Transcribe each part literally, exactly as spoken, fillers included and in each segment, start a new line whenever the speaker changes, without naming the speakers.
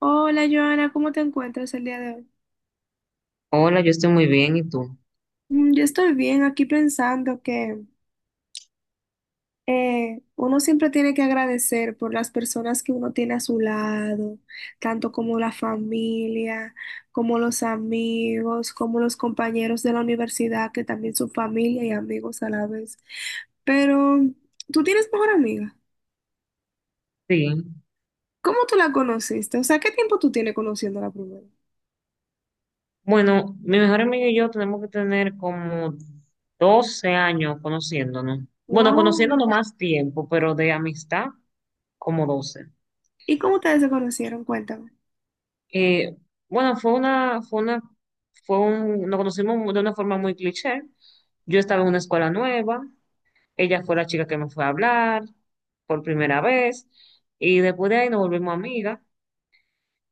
Hola Joana, ¿cómo te encuentras el día de hoy?
Hola, yo estoy muy bien, ¿y tú?
Mm, Yo estoy bien aquí pensando que eh, uno siempre tiene que agradecer por las personas que uno tiene a su lado, tanto como la familia, como los amigos, como los compañeros de la universidad, que también son familia y amigos a la vez. Pero tú tienes mejor amiga.
Sí.
¿Cómo tú la conociste? O sea, ¿qué tiempo tú tienes conociéndola primero?
Bueno, mi mejor amigo y yo tenemos que tener como doce años conociéndonos. Bueno,
Wow.
conociéndonos más tiempo, pero de amistad como doce.
¿Y cómo ustedes se conocieron? Cuéntame.
Eh, bueno, fue una, fue una, fue un, nos conocimos de una forma muy cliché. Yo estaba en una escuela nueva, ella fue la chica que me fue a hablar por primera vez, y después de ahí nos volvimos amigas,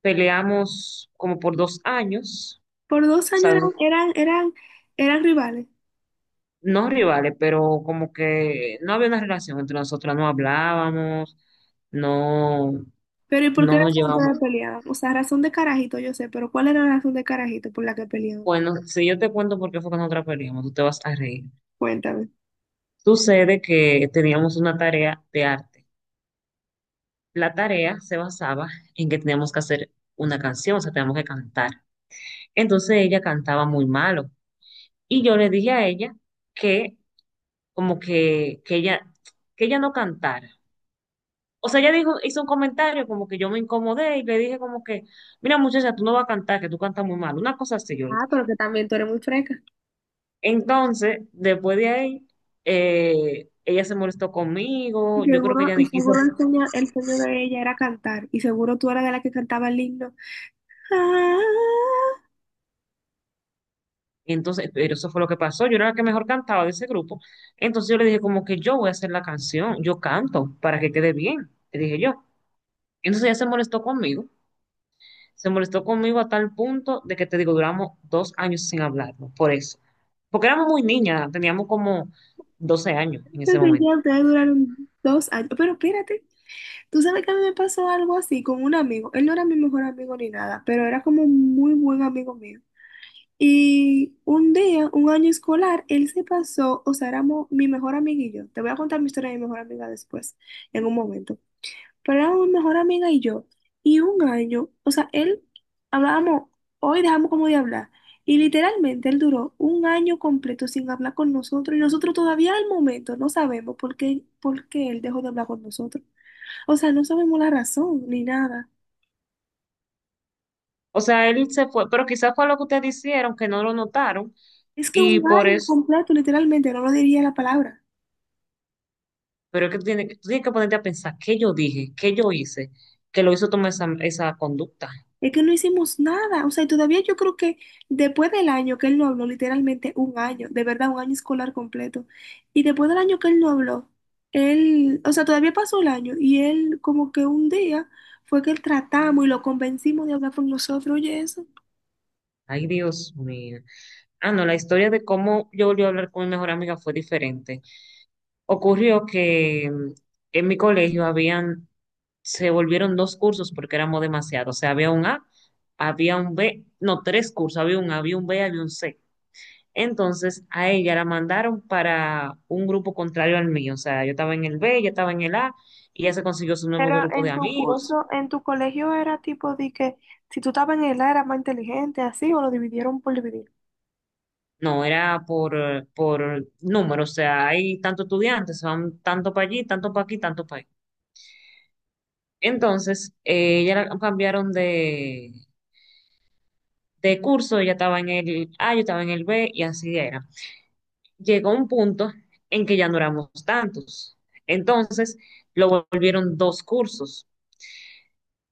peleamos como por dos años.
Por dos
O
años
sea,
eran, eran, eran, eran rivales.
no rivales, pero como que no había una relación entre nosotras, no hablábamos, no,
Pero ¿y por qué
no nos
razón ustedes
llevábamos.
peleaban? O sea, razón de carajito, yo sé, pero ¿cuál era la razón de carajito por la que peleaban?
Bueno, si yo te cuento por qué fue que nosotras peleamos, tú te vas a reír.
Cuéntame.
Sucede que teníamos una tarea de arte. La tarea se basaba en que teníamos que hacer una canción, o sea, teníamos que cantar. Entonces ella cantaba muy malo y yo le dije a ella que como que, que ella, que ella no cantara. O sea, ella dijo, hizo un comentario como que yo me incomodé y le dije como que, mira muchacha, tú no vas a cantar, que tú cantas muy mal. Una cosa así yo le
Ah, pero
dije.
que también tú eres muy fresca.
Entonces, después de ahí, eh, ella se molestó
Y
conmigo, yo creo que
seguro,
ella
y
ni quiso.
seguro el sueño, el sueño de ella era cantar. Y seguro tú eras de la que cantaba el himno. Ah,
Entonces, pero eso fue lo que pasó. Yo era la que mejor cantaba de ese grupo. Entonces yo le dije como que yo voy a hacer la canción, yo canto para que quede bien, le dije yo. Entonces ella se molestó conmigo. Se molestó conmigo a tal punto de que te digo, duramos dos años sin hablarnos, por eso. Porque éramos muy niñas, teníamos como doce años en ese
entonces
momento.
ya ustedes duraron dos años. Pero espérate, tú sabes que a mí me pasó algo así con un amigo. Él no era mi mejor amigo ni nada, pero era como un muy buen amigo mío. Y un día, un año escolar, él se pasó, o sea, éramos mi mejor amiga y yo. Te voy a contar mi historia de mi mejor amiga después, en un momento. Pero éramos mi mejor amiga y yo. Y un año, o sea, él hablábamos, hoy dejamos como de hablar. Y literalmente él duró un año completo sin hablar con nosotros. Y nosotros todavía al momento no sabemos por qué, por qué él dejó de hablar con nosotros. O sea, no sabemos la razón ni nada.
O sea, él se fue, pero quizás fue lo que ustedes hicieron, que no lo notaron,
Es que un
y por
año
eso,
completo, literalmente, no lo diría la palabra.
pero es que tú tienes, que- tú tienes que ponerte a pensar, ¿qué yo dije? ¿Qué yo hice? Que lo hizo tomar esa, esa conducta.
Es que no hicimos nada, o sea, y todavía yo creo que después del año que él no habló, literalmente un año, de verdad, un año escolar completo, y después del año que él no habló, él, o sea, todavía pasó el año y él como que un día fue que él tratamos y lo convencimos de hablar con nosotros, oye eso.
Ay, Dios mío. Ah, no, la historia de cómo yo volví a hablar con mi mejor amiga fue diferente. Ocurrió que mm, en mi colegio habían se volvieron dos cursos porque éramos demasiados. O sea, había un A, había un B, no, tres cursos, había un A, había un B, había un C. Entonces a ella la mandaron para un grupo contrario al mío. O sea, yo estaba en el B, ella estaba en el A y ella se consiguió su nuevo
Pero
grupo de
en tu
amigos.
curso, en tu colegio era tipo de que si tú estabas en el A eras más inteligente, así, o lo dividieron por dividir.
No, era por, eh, por número, o sea, hay tantos estudiantes, van tanto para allí, tanto para aquí, tanto para allí. Entonces, eh, ella la cambiaron de, de curso, ella estaba en el A, yo estaba en el B y así era. Llegó un punto en que ya no éramos tantos. Entonces, lo volvieron dos cursos.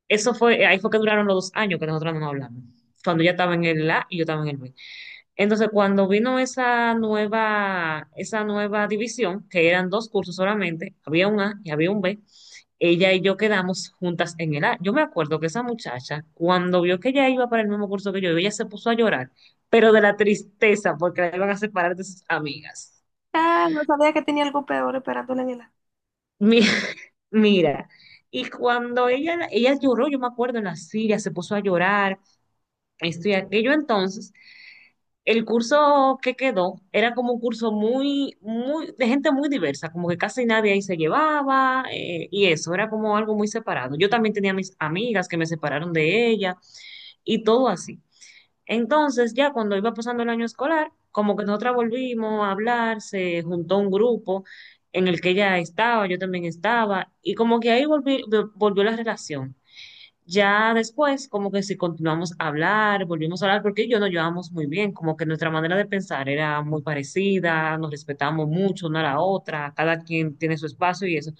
Eso fue, ahí fue que duraron los dos años que nosotros no hablamos. Cuando ya estaba en el A y yo estaba en el B. Entonces, cuando vino esa nueva, esa nueva división, que eran dos cursos solamente, había un A y había un B, ella y yo quedamos juntas en el A. Yo me acuerdo que esa muchacha, cuando vio que ella iba para el mismo curso que yo, ella se puso a llorar, pero de la tristeza, porque la iban a separar de sus amigas.
Ah, no sabía que tenía algo peor esperándole en el A.
Mi- Mira, y cuando ella, ella lloró, yo me acuerdo en la silla, se puso a llorar, esto y aquello. Entonces, el curso que quedó era como un curso muy, muy, de gente muy diversa, como que casi nadie ahí se llevaba, eh, y eso, era como algo muy separado. Yo también tenía mis amigas que me separaron de ella, y todo así. Entonces, ya cuando iba pasando el año escolar, como que nosotras volvimos a hablar, se juntó un grupo en el que ella estaba, yo también estaba, y como que ahí volví- vol- volvió la relación. Ya después, como que si continuamos a hablar, volvimos a hablar, porque ella y yo nos llevábamos muy bien, como que nuestra manera de pensar era muy parecida, nos respetamos mucho una a la otra, cada quien tiene su espacio y eso.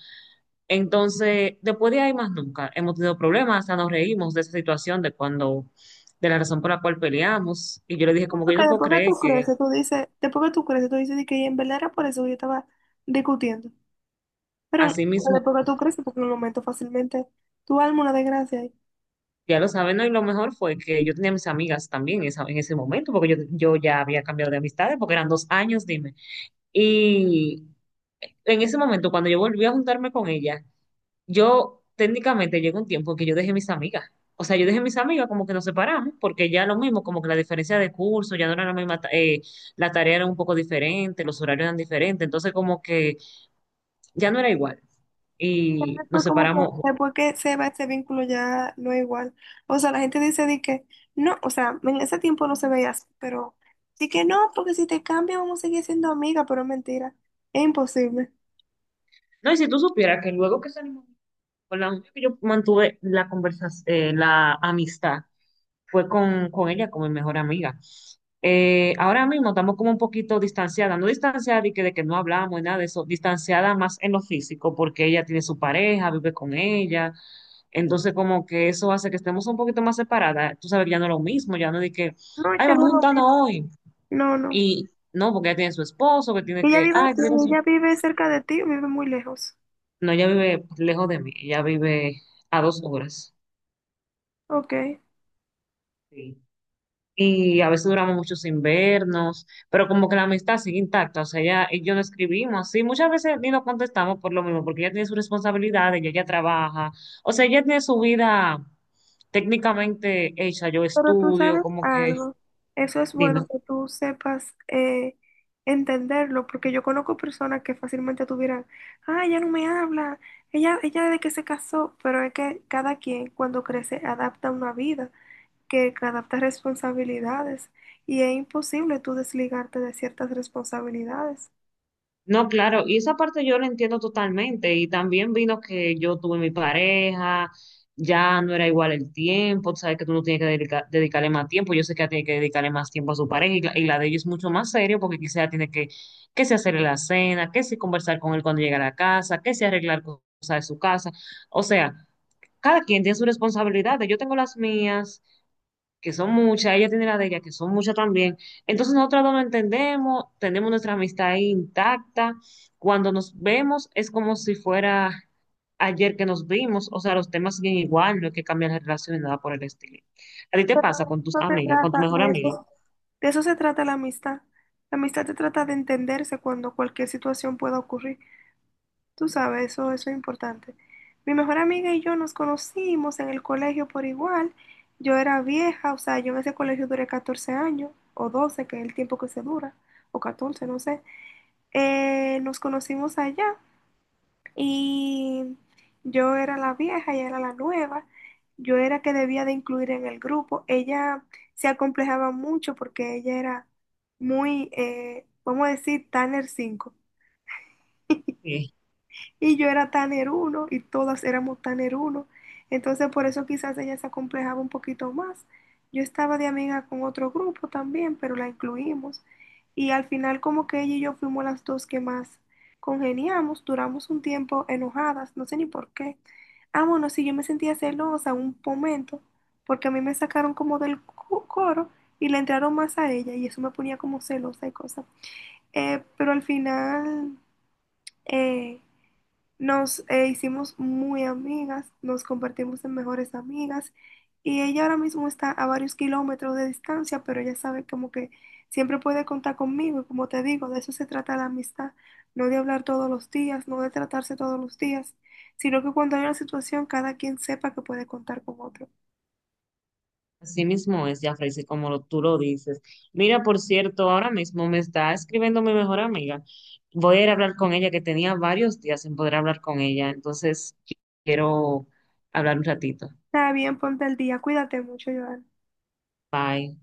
Entonces, después de ahí más nunca hemos tenido problemas, hasta nos reímos de esa situación, de cuando, de la razón por la cual peleamos. Y yo le dije, como que
Porque
yo no puedo
después que tú
creer que
creces, tú dices, después que tú creces, tú dices de que en verdad era por eso que yo estaba discutiendo. Pero
así mismo,
después que
es.
tú creces, porque en el momento fácilmente tu alma una desgracia ahí.
Ya lo saben, ¿no? Y lo mejor fue que yo tenía mis amigas también esa- en ese momento, porque yo, yo ya había cambiado de amistades, porque eran dos años, dime. Y en ese momento, cuando yo volví a juntarme con ella, yo técnicamente llegó un tiempo que yo dejé mis amigas. O sea, yo dejé mis amigas como que nos separamos, porque ya lo mismo, como que la diferencia de curso, ya no era la misma, ta- eh, la tarea era un poco diferente, los horarios eran diferentes, entonces como que ya no era igual.
Pero
Y nos
después, como
separamos.
que, después que se va ese vínculo ya no es igual. O sea, la gente dice de que no, o sea, en ese tiempo no se veía así, pero sí que no, porque si te cambia vamos a seguir siendo amigas, pero es mentira, es imposible.
No, y si tú supieras que luego que salimos con la mujer que yo mantuve la conversación, la amistad, fue con, con ella como mi mejor amiga. Eh, ahora mismo estamos como un poquito distanciadas, no distanciadas y que, de que no hablamos y nada de eso, distanciada más en lo físico, porque ella tiene su pareja, vive con ella, entonces como que eso hace que estemos un poquito más separadas, tú sabes que ya no es lo mismo, ya no es de que,
No,
ay,
ya
vamos
no lo vi.
juntando hoy,
No, no.
y no, porque ella tiene su esposo, que tiene
Ella
que,
vive,
ay, tiene que-
ella vive cerca de ti, o vive muy lejos.
no, ella vive lejos de mí, ella vive a dos horas.
Ok.
Y a veces duramos muchos invernos, pero como que la amistad sigue intacta, o sea, ella y yo no escribimos, sí, muchas veces ni nos contestamos por lo mismo, porque ella tiene sus responsabilidades, ella ya trabaja, o sea, ella tiene su vida técnicamente hecha, yo
Pero tú
estudio,
sabes
como que,
algo, eso es
dime.
bueno que tú sepas eh, entenderlo, porque yo conozco personas que fácilmente tuvieran, ah, ella no me habla, ella, ella desde que se casó, pero es que cada quien cuando crece adapta una vida, que adapta responsabilidades, y es imposible tú desligarte de ciertas responsabilidades.
No, claro, y esa parte yo la entiendo totalmente. Y también vino que yo tuve mi pareja, ya no era igual el tiempo, tú sabes que tú no tienes que dedica- dedicarle más tiempo. Yo sé que ella tiene que dedicarle más tiempo a su pareja y la, y la de ella es mucho más serio porque quizá tiene que, que se hacerle la cena, que si conversar con él cuando llega a la casa, que si arreglar cosas de su casa. O sea, cada quien tiene sus responsabilidades. Yo tengo las mías que son muchas, ella tiene la de ella, que son muchas también. Entonces nosotras dos nos entendemos, tenemos nuestra amistad ahí intacta. Cuando nos vemos es como si fuera ayer que nos vimos, o sea, los temas siguen igual, no hay que cambiar la relación ni nada por el estilo. ¿A ti te
Pero
pasa
de
con tus
eso se
amigas, con tu
trata,
mejor
de
amiga?
eso, de eso se trata la amistad. La amistad se trata de entenderse cuando cualquier situación pueda ocurrir. Tú sabes, eso, eso es importante. Mi mejor amiga y yo nos conocimos en el colegio por igual. Yo era vieja, o sea, yo en ese colegio duré catorce años, o doce, que es el tiempo que se dura, o catorce, no sé. Eh, nos conocimos allá y yo era la vieja, ella era la nueva. Yo era que debía de incluir en el grupo. Ella se acomplejaba mucho porque ella era muy, eh, vamos a decir, Tanner cinco.
Eh,
Y yo era tan eruno y todas éramos tan eruno. Entonces por eso quizás ella se acomplejaba un poquito más. Yo estaba de amiga con otro grupo también, pero la incluimos. Y al final como que ella y yo fuimos las dos que más congeniamos, duramos un tiempo enojadas, no sé ni por qué. Ah, bueno, sí, yo me sentía celosa un momento, porque a mí me sacaron como del cu- coro y le entraron más a ella y eso me ponía como celosa y cosas. Eh, pero al final eh, nos eh, hicimos muy amigas, nos convertimos en mejores amigas y ella ahora mismo está a varios kilómetros de distancia, pero ella sabe como que siempre puede contar conmigo y como te digo, de eso se trata la amistad, no de hablar todos los días, no de tratarse todos los días, sino que cuando hay una situación cada quien sepa que puede contar con otro.
Así mismo es, Jafrey, sí, como lo- tú lo dices. Mira, por cierto, ahora mismo me está escribiendo mi mejor amiga. Voy a ir a hablar con ella, que tenía varios días sin poder hablar con ella. Entonces, quiero hablar un ratito.
Está bien, ponte el día, cuídate mucho, Joan.
Bye.